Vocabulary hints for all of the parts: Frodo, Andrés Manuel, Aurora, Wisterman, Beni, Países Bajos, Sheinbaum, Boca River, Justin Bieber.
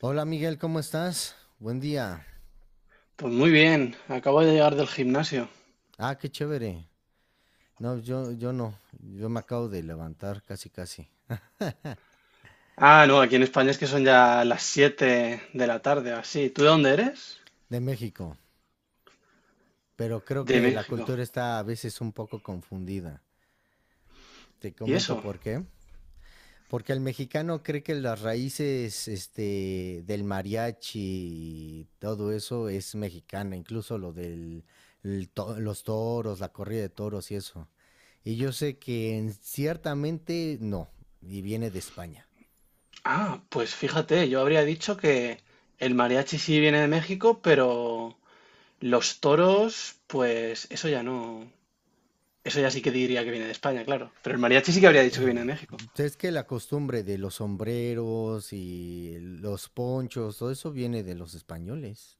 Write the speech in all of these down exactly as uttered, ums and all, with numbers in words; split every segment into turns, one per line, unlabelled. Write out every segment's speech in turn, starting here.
Hola Miguel, ¿cómo estás? Buen día.
Pues muy bien, acabo de llegar del gimnasio.
Ah, qué chévere. No, yo, yo no. Yo me acabo de levantar casi casi
Ah, no, aquí en España es que son ya las siete de la tarde, o así. ¿Tú de dónde eres?
de México, pero creo
De
que la
México.
cultura está a veces un poco confundida. Te
¿Y
comento
eso?
por qué. Porque el mexicano cree que las raíces este, del mariachi y todo eso es mexicana, incluso lo del el to- los toros, la corrida de toros y eso. Y yo sé que en- ciertamente no, y viene de España.
Ah, pues fíjate, yo habría dicho que el mariachi sí viene de México, pero los toros, pues eso ya no. Eso ya sí que diría que viene de España, claro. Pero el mariachi sí que habría dicho que viene de México.
Es que la costumbre de los sombreros y los ponchos, todo eso viene de los españoles.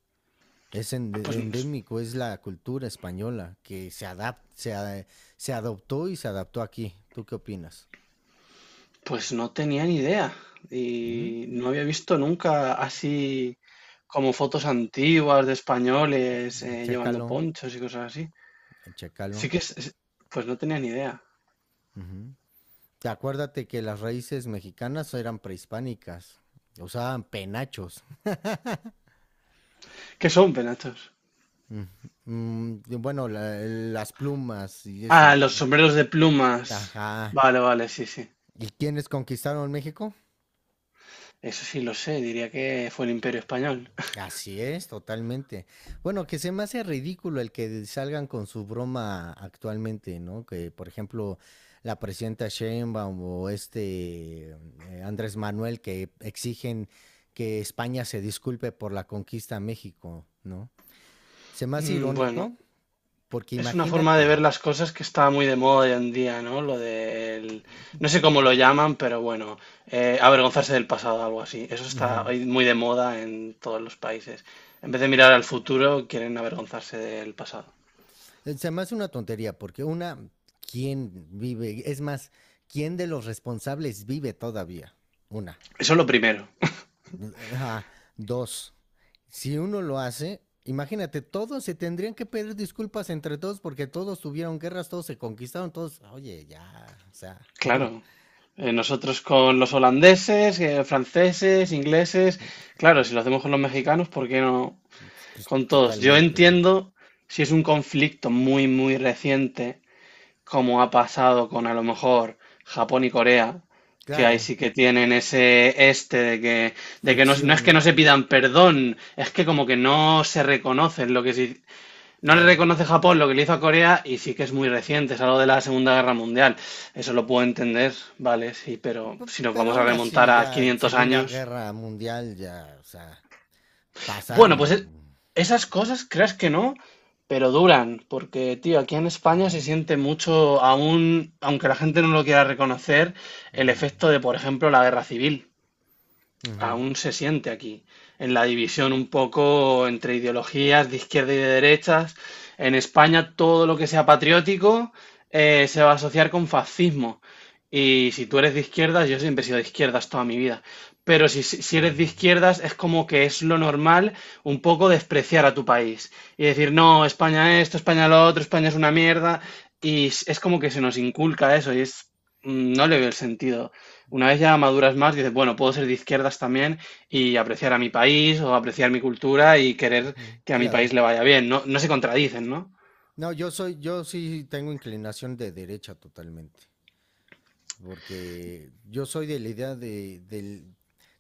Es
Ah, Pues
ende- endémico, es la cultura española que se adap- se, a- se adoptó y se adaptó aquí. ¿Tú qué opinas?
Pues no tenía ni idea y
Mm,
no había visto nunca así como fotos antiguas de españoles eh, llevando
Chécalo,
ponchos y cosas así. Sí
chécalo.
que es, es- pues no tenía ni idea.
Ujú. Te Acuérdate que las raíces mexicanas eran prehispánicas, usaban penachos.
¿Qué son penachos?
Mm, mm, y bueno, la- las plumas y
Ah,
eso,
los
¿no?
sombreros de plumas.
Ajá.
Vale, vale, sí, sí.
¿Y quiénes conquistaron México?
Eso sí lo sé, diría que fue el Imperio Español.
Así es, totalmente. Bueno, que se me hace ridículo el que salgan con su broma actualmente, ¿no? Que, por ejemplo, la presidenta Sheinbaum o este eh, Andrés Manuel, que exigen que España se disculpe por la conquista a México, ¿no? Se me hace
Mm, Bueno,
irónico porque
es una forma de
imagínate,
ver las cosas que está muy de moda hoy en día, ¿no? Lo del, no sé cómo lo llaman, pero bueno, eh, avergonzarse del pasado, algo así. Eso está
ujú,
hoy muy de moda en todos los países. En vez de mirar al futuro, quieren avergonzarse del pasado.
eh, se me hace una tontería porque una, ¿quién vive? Es más, ¿quién de los responsables vive todavía? Una.
Eso es lo primero.
Ajá, dos. Si uno lo hace, imagínate, todos se tendrían que pedir disculpas entre todos porque todos tuvieron guerras, todos se conquistaron, todos, oye, ya, o sea,
Claro. Eh, nosotros con los holandeses, eh, franceses, ingleses, claro, si lo hacemos con los mexicanos, ¿por qué no
pues,
con todos? Yo
totalmente.
entiendo si es un conflicto muy, muy reciente, como ha pasado con a lo mejor Japón y Corea, que ahí
Claro,
sí que tienen ese este de que, de que no, no es
fricción,
que no
¿no?
se pidan perdón, es que como que no se reconocen lo que sí, no le
Claro.
reconoce Japón lo que le hizo a Corea y sí que es muy reciente, es algo de la Segunda Guerra Mundial. Eso lo puedo entender, vale, sí, pero
P-
si nos
Pero
vamos a
aún
remontar
así,
a
ya,
quinientos
Segunda
años,
Guerra Mundial, ya, o sea,
bueno, pues
pasaron.
e- esas cosas, creas que no, pero duran, porque, tío, aquí en España se siente mucho, aún, aunque la gente no lo quiera reconocer, el
Ujú,
efecto de, por ejemplo, la guerra civil
ujú,
aún se siente aquí, en la división un poco entre ideologías de izquierda y de derechas. En España todo lo que sea patriótico eh, se va a asociar con fascismo. Y si tú eres de izquierdas, yo siempre he sido de izquierdas toda mi vida, pero si, si si eres de izquierdas es como que es lo normal un poco despreciar a tu país y decir, no, España esto, España lo otro, España es una mierda. Y es es como que se nos inculca eso y es, mm, no le veo el sentido. Una vez ya maduras más, dices, bueno, puedo ser de izquierdas también y apreciar a mi país o apreciar mi cultura y querer
ujú,
que a mi
claro.
país le vaya bien. No, no se contradicen, ¿no?
No, yo soy, yo sí tengo inclinación de derecha totalmente, porque yo soy de la idea de, del,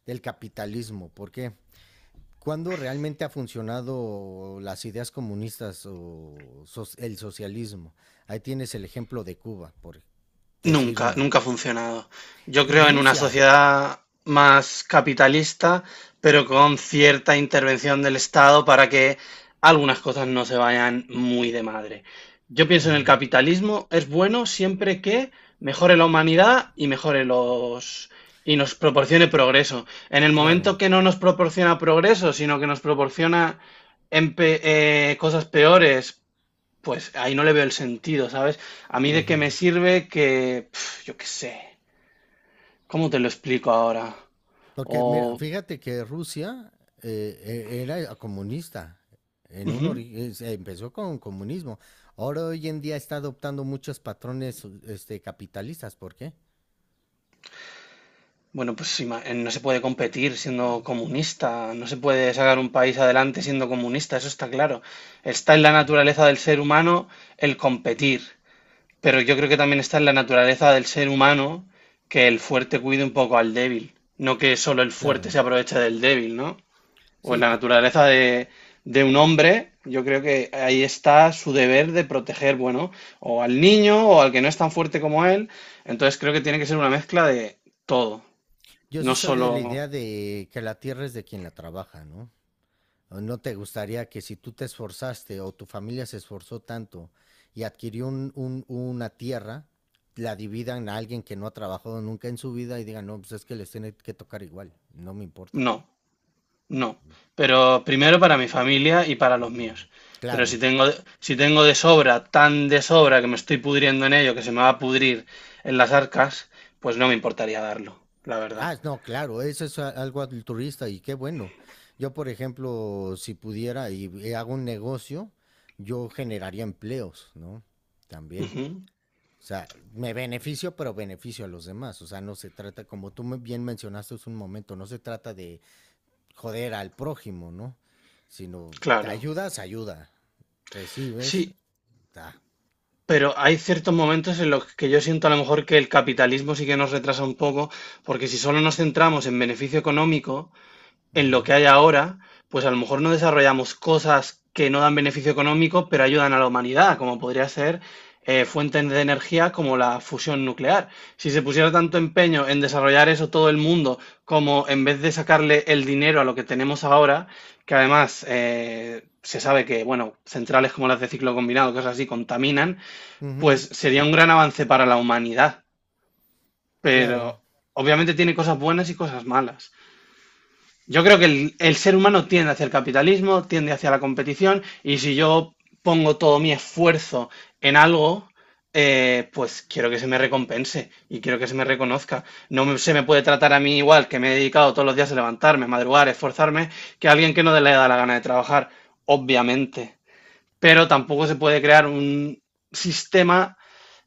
del capitalismo. ¿Por qué? ¿Cuándo realmente ha funcionado las ideas comunistas o so- el socialismo? Ahí tienes el ejemplo de Cuba, por decir
Nunca,
una.
nunca ha funcionado. Yo creo en una
Rusia.
sociedad más capitalista, pero con cierta intervención del Estado para que algunas cosas no se vayan muy de madre. Yo pienso en el
Ujú,
capitalismo, es bueno siempre que mejore la humanidad y mejore los y nos proporcione progreso. En el
claro.
momento que no nos proporciona progreso, sino que nos proporciona empe- eh, cosas peores, pues ahí no le veo el sentido, ¿sabes? A mí de qué
Ujú.
me sirve que, pf, yo qué sé, ¿cómo te lo explico ahora?
Porque mira,
O,
fíjate que Rusia eh, e- era comunista. En un
ujú,
ori- es- Empezó con comunismo. Ahora hoy en día está adoptando muchos patrones este, capitalistas. ¿Por qué?
bueno, pues ima- eh, no se puede competir siendo comunista, no se puede sacar un país adelante siendo comunista, eso está claro. Está en la naturaleza del ser humano el competir, pero yo creo que también está en la naturaleza del ser humano que el fuerte cuide un poco al débil, no que solo el fuerte
Claro.
se aproveche del débil, ¿no? O en
Sí,
la
to-
naturaleza de, de un hombre, yo creo que ahí está su deber de proteger, bueno, o al niño o al que no es tan fuerte como él. Entonces creo que tiene que ser una mezcla de todo,
yo sí
no
soy de
solo,
la idea de que la tierra es de quien la trabaja, ¿no? ¿No te gustaría que si tú te esforzaste o tu familia se esforzó tanto y adquirió un- un- una tierra, la dividan a alguien que no ha trabajado nunca en su vida y digan, no, pues es que les tiene que tocar igual, no me importa.
no, no. Pero primero para mi familia y para los míos. Pero si
Claro.
tengo, si tengo de sobra, tan de sobra que me estoy pudriendo en ello, que se me va a pudrir en las arcas, pues no me importaría darlo, la verdad.
Ah, no, claro, eso es a- algo altruista y qué bueno. Yo, por ejemplo, si pudiera y y hago un negocio, yo generaría empleos, ¿no? También.
Ujú,
O sea, me beneficio, pero beneficio a los demás. O sea, no se trata, como tú me- bien mencionaste hace un momento, no se trata de joder al prójimo, ¿no? Sino, te
claro.
ayudas, ayuda. Recibes,
Sí,
da.
pero hay ciertos momentos en los que yo siento a lo mejor que el capitalismo sí que nos retrasa un poco, porque si solo nos centramos en beneficio económico,
Uh
en lo
-huh.
que hay ahora, pues a lo mejor no desarrollamos cosas que no dan beneficio económico, pero ayudan a la humanidad, como podría ser eh, fuentes de energía como la fusión nuclear. Si se pusiera tanto empeño en desarrollar eso todo el mundo, como en vez de sacarle el dinero a lo que tenemos ahora, que además eh, se sabe que, bueno, centrales como las de ciclo combinado, cosas así, contaminan,
Uh
pues
-huh.
sería un gran avance para la humanidad,
Claro.
pero obviamente tiene cosas buenas y cosas malas. Yo creo que el, el ser humano tiende hacia el capitalismo, tiende hacia la competición, y si yo pongo todo mi esfuerzo en algo, eh, pues quiero que se me recompense y quiero que se me reconozca. No me- Se me puede tratar a mí igual, que me he dedicado todos los días a levantarme, madrugar, esforzarme, que a alguien que no le da la gana de trabajar, obviamente, pero tampoco se puede crear un sistema.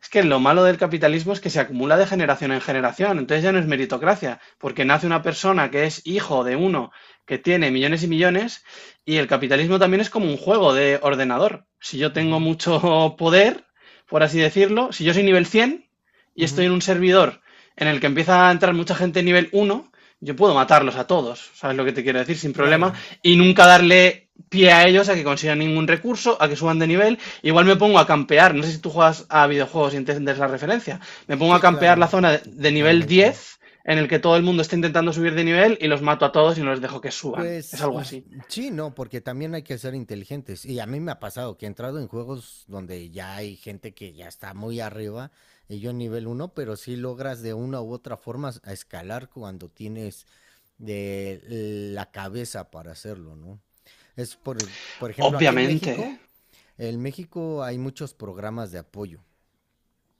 Es que lo malo del capitalismo es que se acumula de generación en generación, entonces ya no es meritocracia, porque nace una persona que es hijo de uno que tiene millones y millones, y el capitalismo también es como un juego de ordenador. Si yo tengo
Uh
mucho poder, por así decirlo, si yo soy nivel cien y estoy
-huh.
en un servidor en el que empieza a entrar mucha gente nivel uno, yo puedo matarlos a todos, ¿sabes lo que te quiero decir? Sin problema,
Claro.
y nunca darle pie a ellos a que consigan ningún recurso, a que suban de nivel. Igual me pongo a campear, no sé si tú juegas a videojuegos y entiendes la referencia, me pongo a
Sí,
campear
claro.
la zona de nivel
Totalmente.
diez en el que todo el mundo está intentando subir de nivel y los mato a todos y no les dejo que suban. Es
Pues
algo así.
sí, no, porque también hay que ser inteligentes. Y a mí me ha pasado que he entrado en juegos donde ya hay gente que ya está muy arriba y yo nivel uno, pero sí logras de una u otra forma a escalar cuando tienes de la cabeza para hacerlo, ¿no? Es por, por ejemplo, aquí en
Obviamente.
México, en México hay muchos programas de apoyo,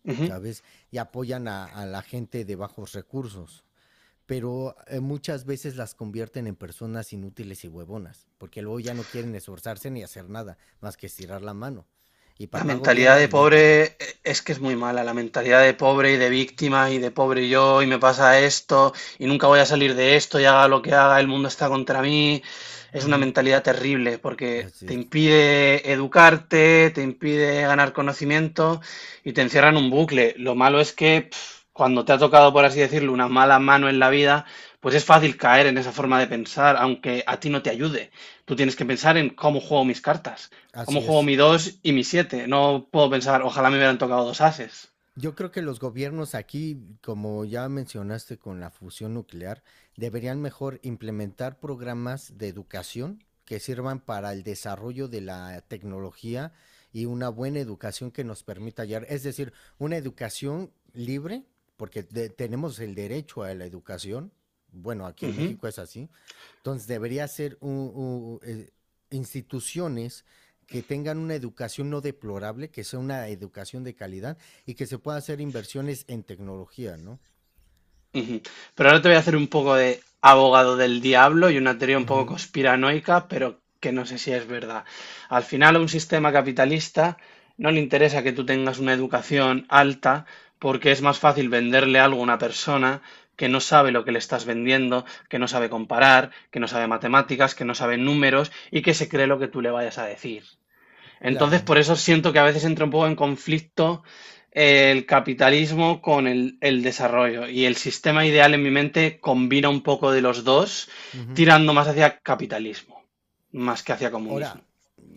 Ujú.
¿sabes? Y apoyan a, a la gente de bajos recursos, pero eh, muchas veces las convierten en personas inútiles y huevonas, porque luego ya no quieren esforzarse ni hacer nada más que estirar la mano. Y
La
papá gobierno,
mentalidad de
alimentame.
pobre eh, es que es muy mala, la mentalidad de pobre y de víctima y de pobre yo y me pasa esto y nunca voy a salir de esto y haga lo que haga, el mundo está contra mí. Es una mentalidad terrible porque
Así
te
es.
impide educarte, te impide ganar conocimiento y te encierra en un bucle. Lo malo es que, pf, cuando te ha tocado, por así decirlo, una mala mano en la vida, pues es fácil caer en esa forma de pensar, aunque a ti no te ayude. Tú tienes que pensar en cómo juego mis cartas. Como
Así
juego
es.
mi dos y mi siete. No puedo pensar, ojalá me hubieran tocado dos ases.
Yo creo que los gobiernos aquí, como ya mencionaste con la fusión nuclear, deberían mejor implementar programas de educación que sirvan para el desarrollo de la tecnología y una buena educación que nos permita hallar, es decir, una educación libre, porque de- tenemos el derecho a la educación, bueno, aquí en
Ujú,
México es así, entonces debería ser un- un- eh, instituciones que tengan una educación no deplorable, que sea una educación de calidad y que se pueda hacer inversiones en tecnología, ¿no?
ujú. Pero ahora te voy a hacer un poco de abogado del diablo y una teoría
Uh
un poco
-huh,
conspiranoica, pero que no sé si es verdad. Al final, a un sistema capitalista no le interesa que tú tengas una educación alta porque es más fácil venderle algo a una persona que no sabe lo que le estás vendiendo, que no sabe comparar, que no sabe matemáticas, que no sabe números y que se cree lo que tú le vayas a decir. Entonces,
claro.
por eso siento que a veces entra un poco en conflicto eh, el capitalismo con el, el desarrollo. Y el sistema ideal en mi mente combina un poco de los dos,
Uh -huh.
tirando más hacia capitalismo, más que hacia comunismo.
Ahora,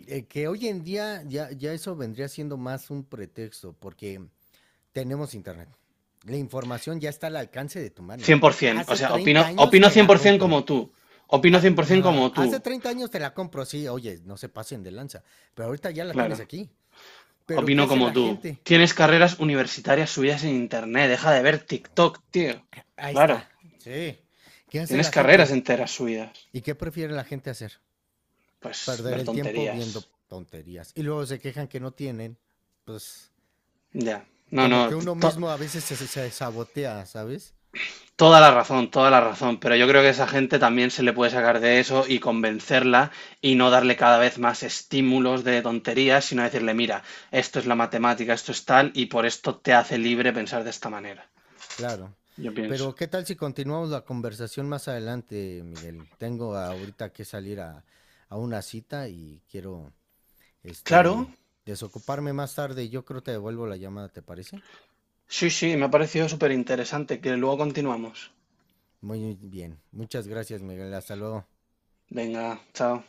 eh, que hoy en día ya, ya eso vendría siendo más un pretexto, porque tenemos internet. La información ya está al alcance de tu mano.
cien por ciento, o
Hace
sea, opino,
treinta años
opino
te la
cien por ciento
compro.
como tú. Opino
Haz,
cien por ciento
uh,
como tú.
hace treinta años te la compro, sí, oye, no se pasen de lanza, pero ahorita ya la
Claro,
tienes aquí. Pero ¿qué
opino
hace
como
la
tú.
gente?
Tienes carreras universitarias subidas en internet, deja de ver TikTok, tío.
Ahí está.
Claro,
Sí. ¿Qué hace
tienes
la
carreras
gente?
enteras subidas.
¿Y qué prefiere la gente hacer?
Pues
Perder
ver
el tiempo
tonterías.
viendo tonterías. Y luego se quejan que no tienen, pues
Ya. No,
como
no,
que uno
to-
mismo a veces se, se sabotea, ¿sabes?
toda la razón, toda la razón, pero yo creo que esa gente también se le puede sacar de eso y convencerla y no darle cada vez más estímulos de tonterías, sino decirle, mira, esto es la matemática, esto es tal, y por esto te hace libre pensar de esta manera.
Claro.
Yo pienso.
Pero ¿qué tal si continuamos la conversación más adelante, Miguel? Tengo ahorita que salir a, a una cita y quiero
Claro,
este desocuparme más tarde. Yo creo que te devuelvo la llamada, ¿te parece?
sí, sí, me ha parecido súper interesante, que luego continuamos.
Muy bien. Muchas gracias, Miguel. Hasta luego.
Venga, chao.